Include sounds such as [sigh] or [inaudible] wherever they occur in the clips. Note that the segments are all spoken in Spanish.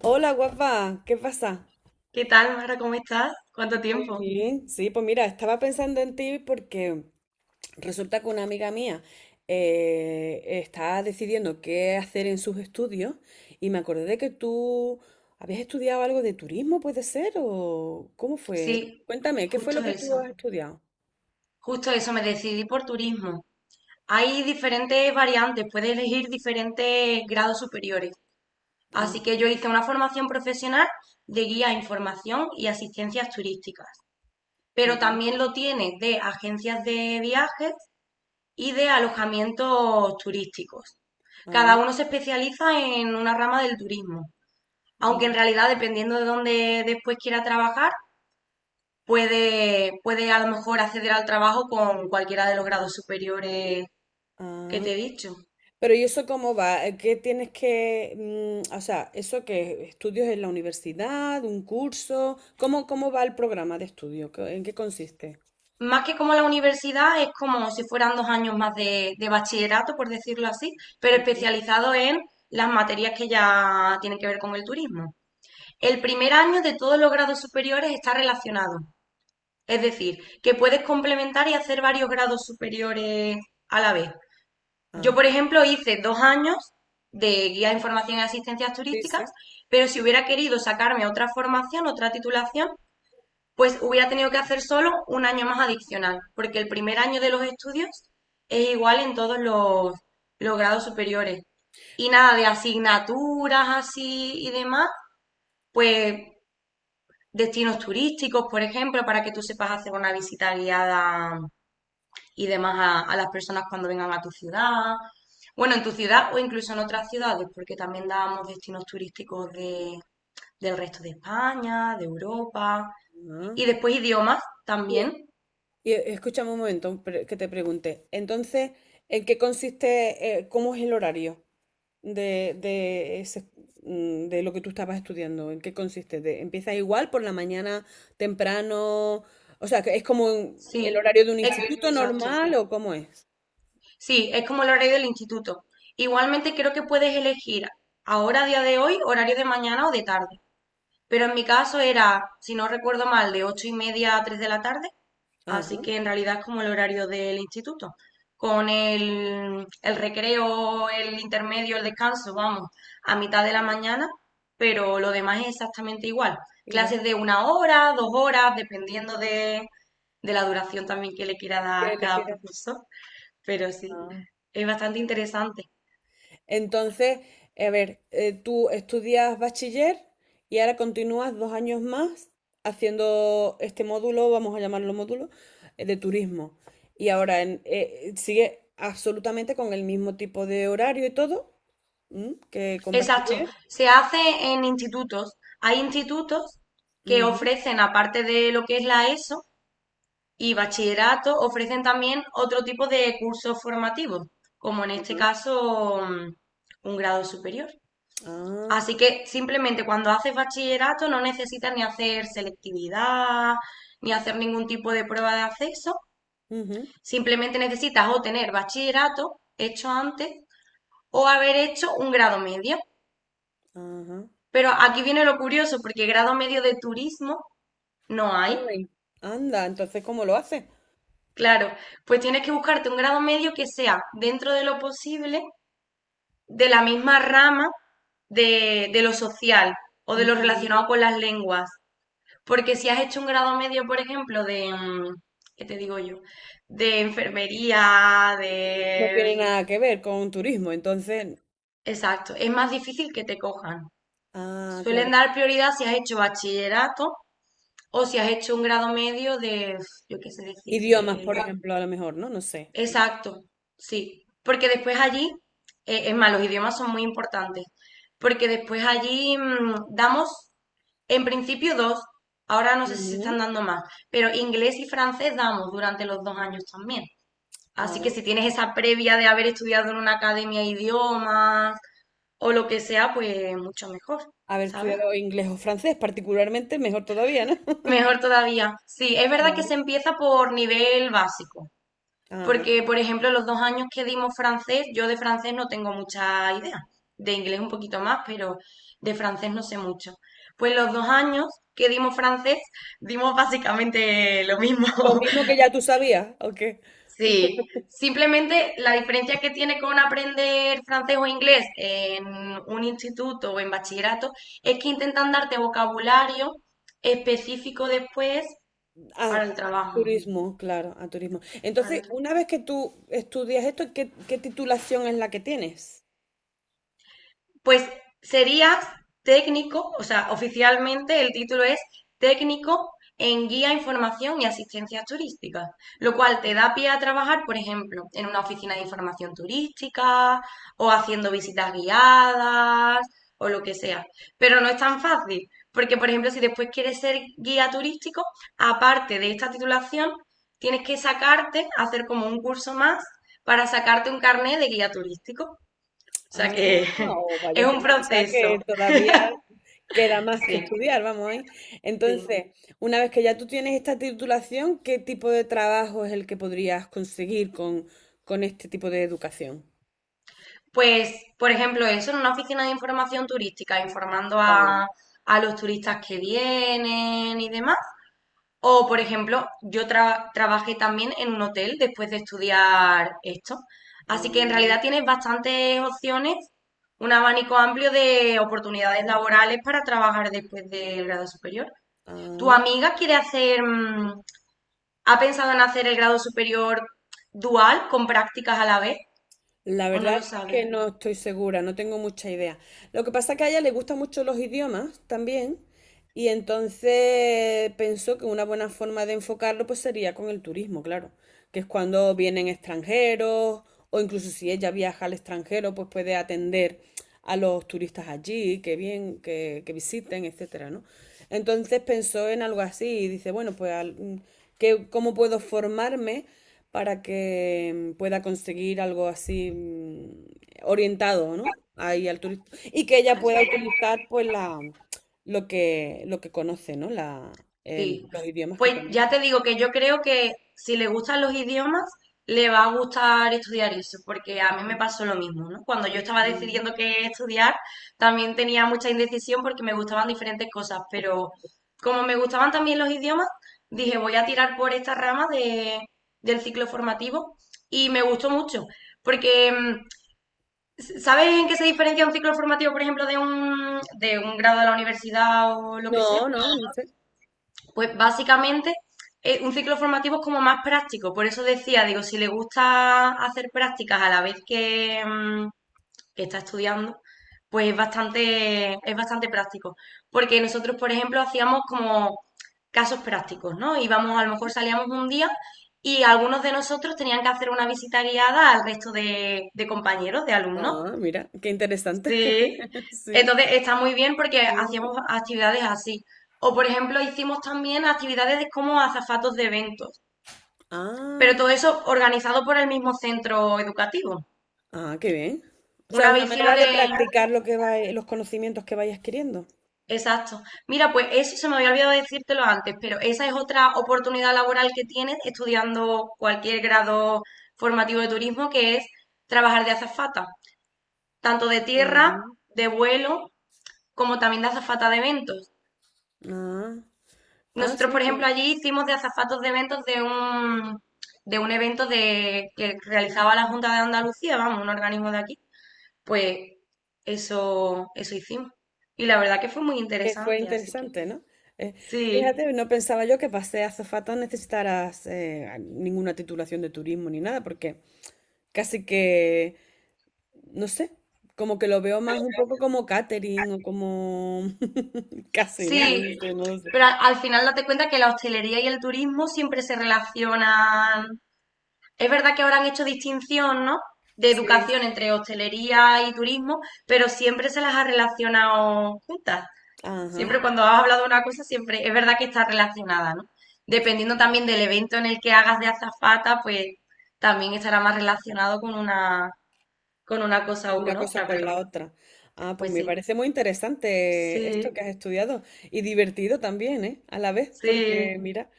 Hola, guapa, ¿qué pasa? ¿Qué tal, Mara? ¿Cómo estás? ¿Cuánto Muy tiempo? bien. Sí, pues mira, estaba pensando en ti porque resulta que una amiga mía está decidiendo qué hacer en sus estudios y me acordé de que tú habías estudiado algo de turismo, ¿puede ser? ¿O cómo fue? Sí, Cuéntame, ¿qué fue justo lo que tú eso. has estudiado? Justo eso, me decidí por turismo. Hay diferentes variantes, puedes elegir diferentes grados superiores. Ah, Así que yo hice una formación profesional de guía, información y asistencias turísticas. Pero ah, también lo tienes de agencias de viajes y de alojamientos turísticos. ah, Cada uno se especializa en una rama del turismo. Aunque en mm, realidad, dependiendo de dónde después quiera trabajar, puede a lo mejor acceder al trabajo con cualquiera de los grados superiores que ah. te he dicho. Pero ¿y eso cómo va? ¿Qué tienes que, o sea, eso que estudios en la universidad, un curso? ¿¿Cómo va el programa de estudio? ¿En qué consiste? Más que como la universidad, es como si fueran 2 años más de bachillerato, por decirlo así, pero Ajá. especializado en las materias que ya tienen que ver con el turismo. El primer año de todos los grados superiores está relacionado, es decir, que puedes complementar y hacer varios grados superiores a la vez. Yo, por Ah, ejemplo, hice 2 años de guía de información y asistencias sí, turísticas, sí. pero si hubiera querido sacarme otra formación, otra titulación, pues hubiera tenido que hacer solo un año más adicional, porque el primer año de los estudios es igual en todos los grados superiores. Y nada de asignaturas así y demás, pues destinos turísticos, por ejemplo, para que tú sepas hacer una visita guiada y demás a las personas cuando vengan a tu ciudad. Bueno, en tu ciudad o incluso en otras ciudades, porque también dábamos destinos turísticos del resto de España, de Europa. Ah. Y después idiomas Y, es- también. Escúchame un momento que te pregunte. Entonces, ¿en qué consiste, cómo es el horario de, de, ese- de lo que tú estabas estudiando? ¿En qué consiste? ¿Empiezas igual por la mañana temprano? O sea, que ¿es como el Sí, horario de un es- instituto exacto. normal o cómo es? Sí, es como el horario del instituto. Igualmente creo que puedes elegir ahora, a día de hoy, horario de mañana o de tarde. Pero en mi caso era, si no recuerdo mal, de 8:30 a 3 de la tarde, así Ajá, que en realidad es como el horario del instituto. Con el recreo, el intermedio, el descanso, vamos, a mitad de la mañana, pero lo demás es exactamente igual. igual. Clases de una hora, 2 horas, dependiendo de la duración también que le quiera dar ¿Qué le cada quieras? profesor, pero sí, Ah. es bastante interesante. Entonces, a ver, tú estudias bachiller y ahora continúas dos años más haciendo este módulo, vamos a llamarlo módulo, de turismo. Y ahora sigue absolutamente con el mismo tipo de horario y todo. ¿Mm? ¿Que con Exacto, bachiller? se hace en institutos. Hay institutos que Ujú, ofrecen, aparte de lo que es la ESO y bachillerato, ofrecen también otro tipo de cursos formativos, como en este ajá, caso, un grado superior. ah, Así que simplemente cuando haces bachillerato no necesitas ni hacer selectividad, ni hacer ningún tipo de prueba de acceso. ujú, Simplemente necesitas o tener bachillerato hecho antes o haber hecho un grado medio. ajá. Pero aquí viene lo curioso, porque grado medio de turismo no hay. Ay, anda, entonces, ¿cómo lo hace? Claro, pues tienes que buscarte un grado medio que sea, dentro de lo posible, de la misma rama de lo social o de lo Mm, relacionado con las lenguas. Porque si has hecho un grado medio, por ejemplo, de, ¿qué te digo yo? De enfermería, no de... tiene nada que ver con turismo, entonces, Exacto, es más difícil que te cojan. ah, Suelen claro. dar prioridad si has hecho bachillerato o si has hecho un grado medio de, yo qué sé Idiomas, decirte. por ejemplo, a lo mejor, ¿no? No sé. Exacto, sí, porque después allí, es más, los idiomas son muy importantes, porque después allí damos, en principio dos, ahora no sé si se Ujú, están dando más, pero inglés y francés damos durante los 2 años también. Así que ah, si tienes esa previa de haber estudiado en una academia de idiomas o lo que sea, pues mucho mejor, haber ¿sabes? estudiado inglés o francés, particularmente, mejor todavía, ¿no? [laughs] Mejor todavía. Sí, es verdad que Claro. se empieza por nivel básico. Ajá. Porque, por ejemplo, los 2 años que dimos francés, yo de francés no tengo mucha idea. De inglés un poquito más, pero de francés no sé mucho. Pues los 2 años que dimos francés, dimos básicamente lo mismo. Lo mismo que [laughs] ya tú sabías, ¿ok? Sí, simplemente la diferencia que tiene con aprender francés o inglés en un instituto o en bachillerato es que intentan darte vocabulario específico después para el A trabajo. turismo, claro, a turismo. Para Entonces, el una vez que tú estudias esto, ¿¿qué titulación es la que tienes? Pues serías técnico, o sea, oficialmente el título es técnico en guía, información y asistencia turística, lo cual te da pie a trabajar, por ejemplo, en una oficina de información turística o haciendo visitas guiadas o lo que sea. Pero no es tan fácil, porque, por ejemplo, si después quieres ser guía turístico, aparte de esta titulación, tienes que sacarte, hacer como un curso más para sacarte un carnet de guía turístico Ah, sea que [laughs] o es vaya un tela, o sea que proceso, todavía queda más que sí, estudiar, vamos ahí. sí. Entonces, una vez que ya tú tienes esta titulación, ¿qué tipo de trabajo es el que podrías conseguir con este tipo de educación? Pues, por ejemplo, eso en una oficina de información turística, informando Vale. A los turistas que vienen y demás. O, por ejemplo, trabajé también en un hotel después de estudiar esto. Ah, Así que en realidad tienes bastantes opciones, un abanico amplio de oportunidades laborales para trabajar después del grado superior. ¿Tu ah. amiga quiere hacer mm, ¿Ha pensado en hacer el grado superior dual con prácticas a la vez? La ¿O no verdad lo es sabes? que no estoy segura, no tengo mucha idea. Lo que pasa es que a ella le gustan mucho los idiomas también y entonces pensó que una buena forma de enfocarlo pues sería con el turismo, claro, que es cuando vienen extranjeros o incluso si ella viaja al extranjero pues puede atender a los turistas allí, que bien, que visiten, etcétera, ¿no? Entonces pensó en algo así y dice, bueno, pues ¿cómo puedo formarme para que pueda conseguir algo así, orientado, ¿no? Ahí al turista. Y que ella Ah, sí. pueda utilizar pues la lo que conoce, ¿no? Sí. Los idiomas que Pues ya conoce. te digo que yo creo que si le gustan los idiomas, le va a gustar estudiar eso, porque a mí me pasó lo mismo, ¿no? Cuando yo estaba decidiendo qué estudiar, también tenía mucha indecisión porque me gustaban diferentes cosas, pero como me gustaban también los idiomas, dije, voy a tirar por esta rama de, del ciclo formativo y me gustó mucho, porque mm, ¿Sabes en qué se diferencia un ciclo formativo, por ejemplo, de un grado de la universidad o lo que sea? No, no, no sé. Pues básicamente un ciclo formativo es como más práctico. Por eso decía, digo, si le gusta hacer prácticas a la vez que está estudiando, pues es bastante práctico. Porque nosotros, por ejemplo, hacíamos como casos prácticos, ¿no? Íbamos, a lo mejor salíamos un día y algunos de nosotros tenían que hacer una visita guiada al resto de compañeros, de alumnos. Ah, mira, qué interesante. Sí, [laughs] Sí. entonces está muy bien porque Sí, sí. hacíamos actividades así. O por ejemplo, hicimos también actividades de como azafatos de eventos, pero Ah, todo eso organizado por el mismo centro educativo. ah, qué bien. O sea, Una una vez hicimos manera de... de practicar lo que va, los conocimientos que vayas adquiriendo. Exacto. Mira, pues eso se me había olvidado decírtelo antes, pero esa es otra oportunidad laboral que tienes estudiando cualquier grado formativo de turismo, que es trabajar de azafata, tanto de tierra, Ah, de vuelo, como también de azafata de eventos. ah, ah, Nosotros, sí, por ejemplo, pues, allí hicimos de azafatos de eventos de un evento de, que realizaba la Junta de Andalucía, vamos, un organismo de aquí. Pues eso hicimos. Y la verdad que fue muy que fue interesante, así que interesante, ¿no? Eh, sí, fíjate, no pensaba yo que para ser azafata necesitaras ninguna titulación de turismo ni nada, porque casi que no sé, como que lo veo más un poco como catering o como [laughs] casi, ¿no? No lo sí. sé, no lo sé. Pero al final date cuenta que la hostelería y el turismo siempre se relacionan. Es verdad que ahora han hecho distinción, ¿no? De Sí, educación entre hostelería y turismo, pero siempre se las ha relacionado juntas. ajá. Siempre cuando has hablado de una cosa, siempre es verdad que está relacionada, ¿no? Dependiendo también del evento en el que hagas de azafata, pues también estará más relacionado con una cosa o Una con cosa otra, con pero la otra. Ah, pues pues me sí, parece muy interesante esto sí, que has estudiado y divertido también, ¿eh? A la vez, sí, porque mira,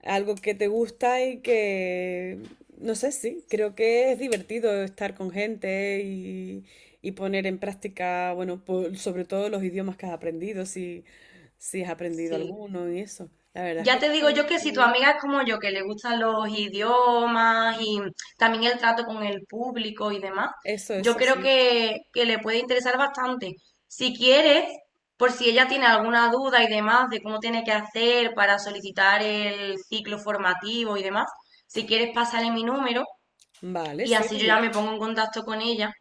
algo que te gusta y que, no sé, sí, creo que es divertido estar con gente y poner en práctica, bueno, sobre todo los idiomas que has aprendido, si, si has aprendido sí. alguno y eso. La verdad es que Ya te digo yo que si tu amiga es como yo, que le gustan los idiomas y también el trato con el público y demás, eso, yo eso creo sí. que le puede interesar bastante. Si quieres, por si ella tiene alguna duda y demás de cómo tiene que hacer para solicitar el ciclo formativo y demás, si quieres pasarle mi número Vale, y sí, así pues yo ya mira, me pongo en contacto con ella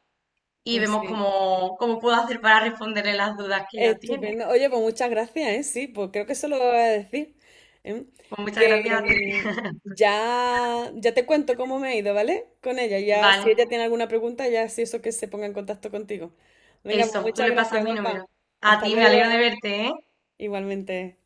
y pues vemos sí. cómo puedo hacer para responderle las dudas que ella tiene. Estupendo. Oye, pues muchas gracias, ¿eh? Sí, pues creo que eso lo voy a decir. ¿Eh? Pues muchas gracias a ti. Que ya, ya te cuento cómo me ha ido, ¿vale? Con ella. Ya, si Vale. ella tiene alguna pregunta, ya si eso que se ponga en contacto contigo. Venga, pues Eso, tú muchas le pasas gracias, mi número. guapa. A Hasta ti, me alegro de luego. verte, ¿eh? Igualmente.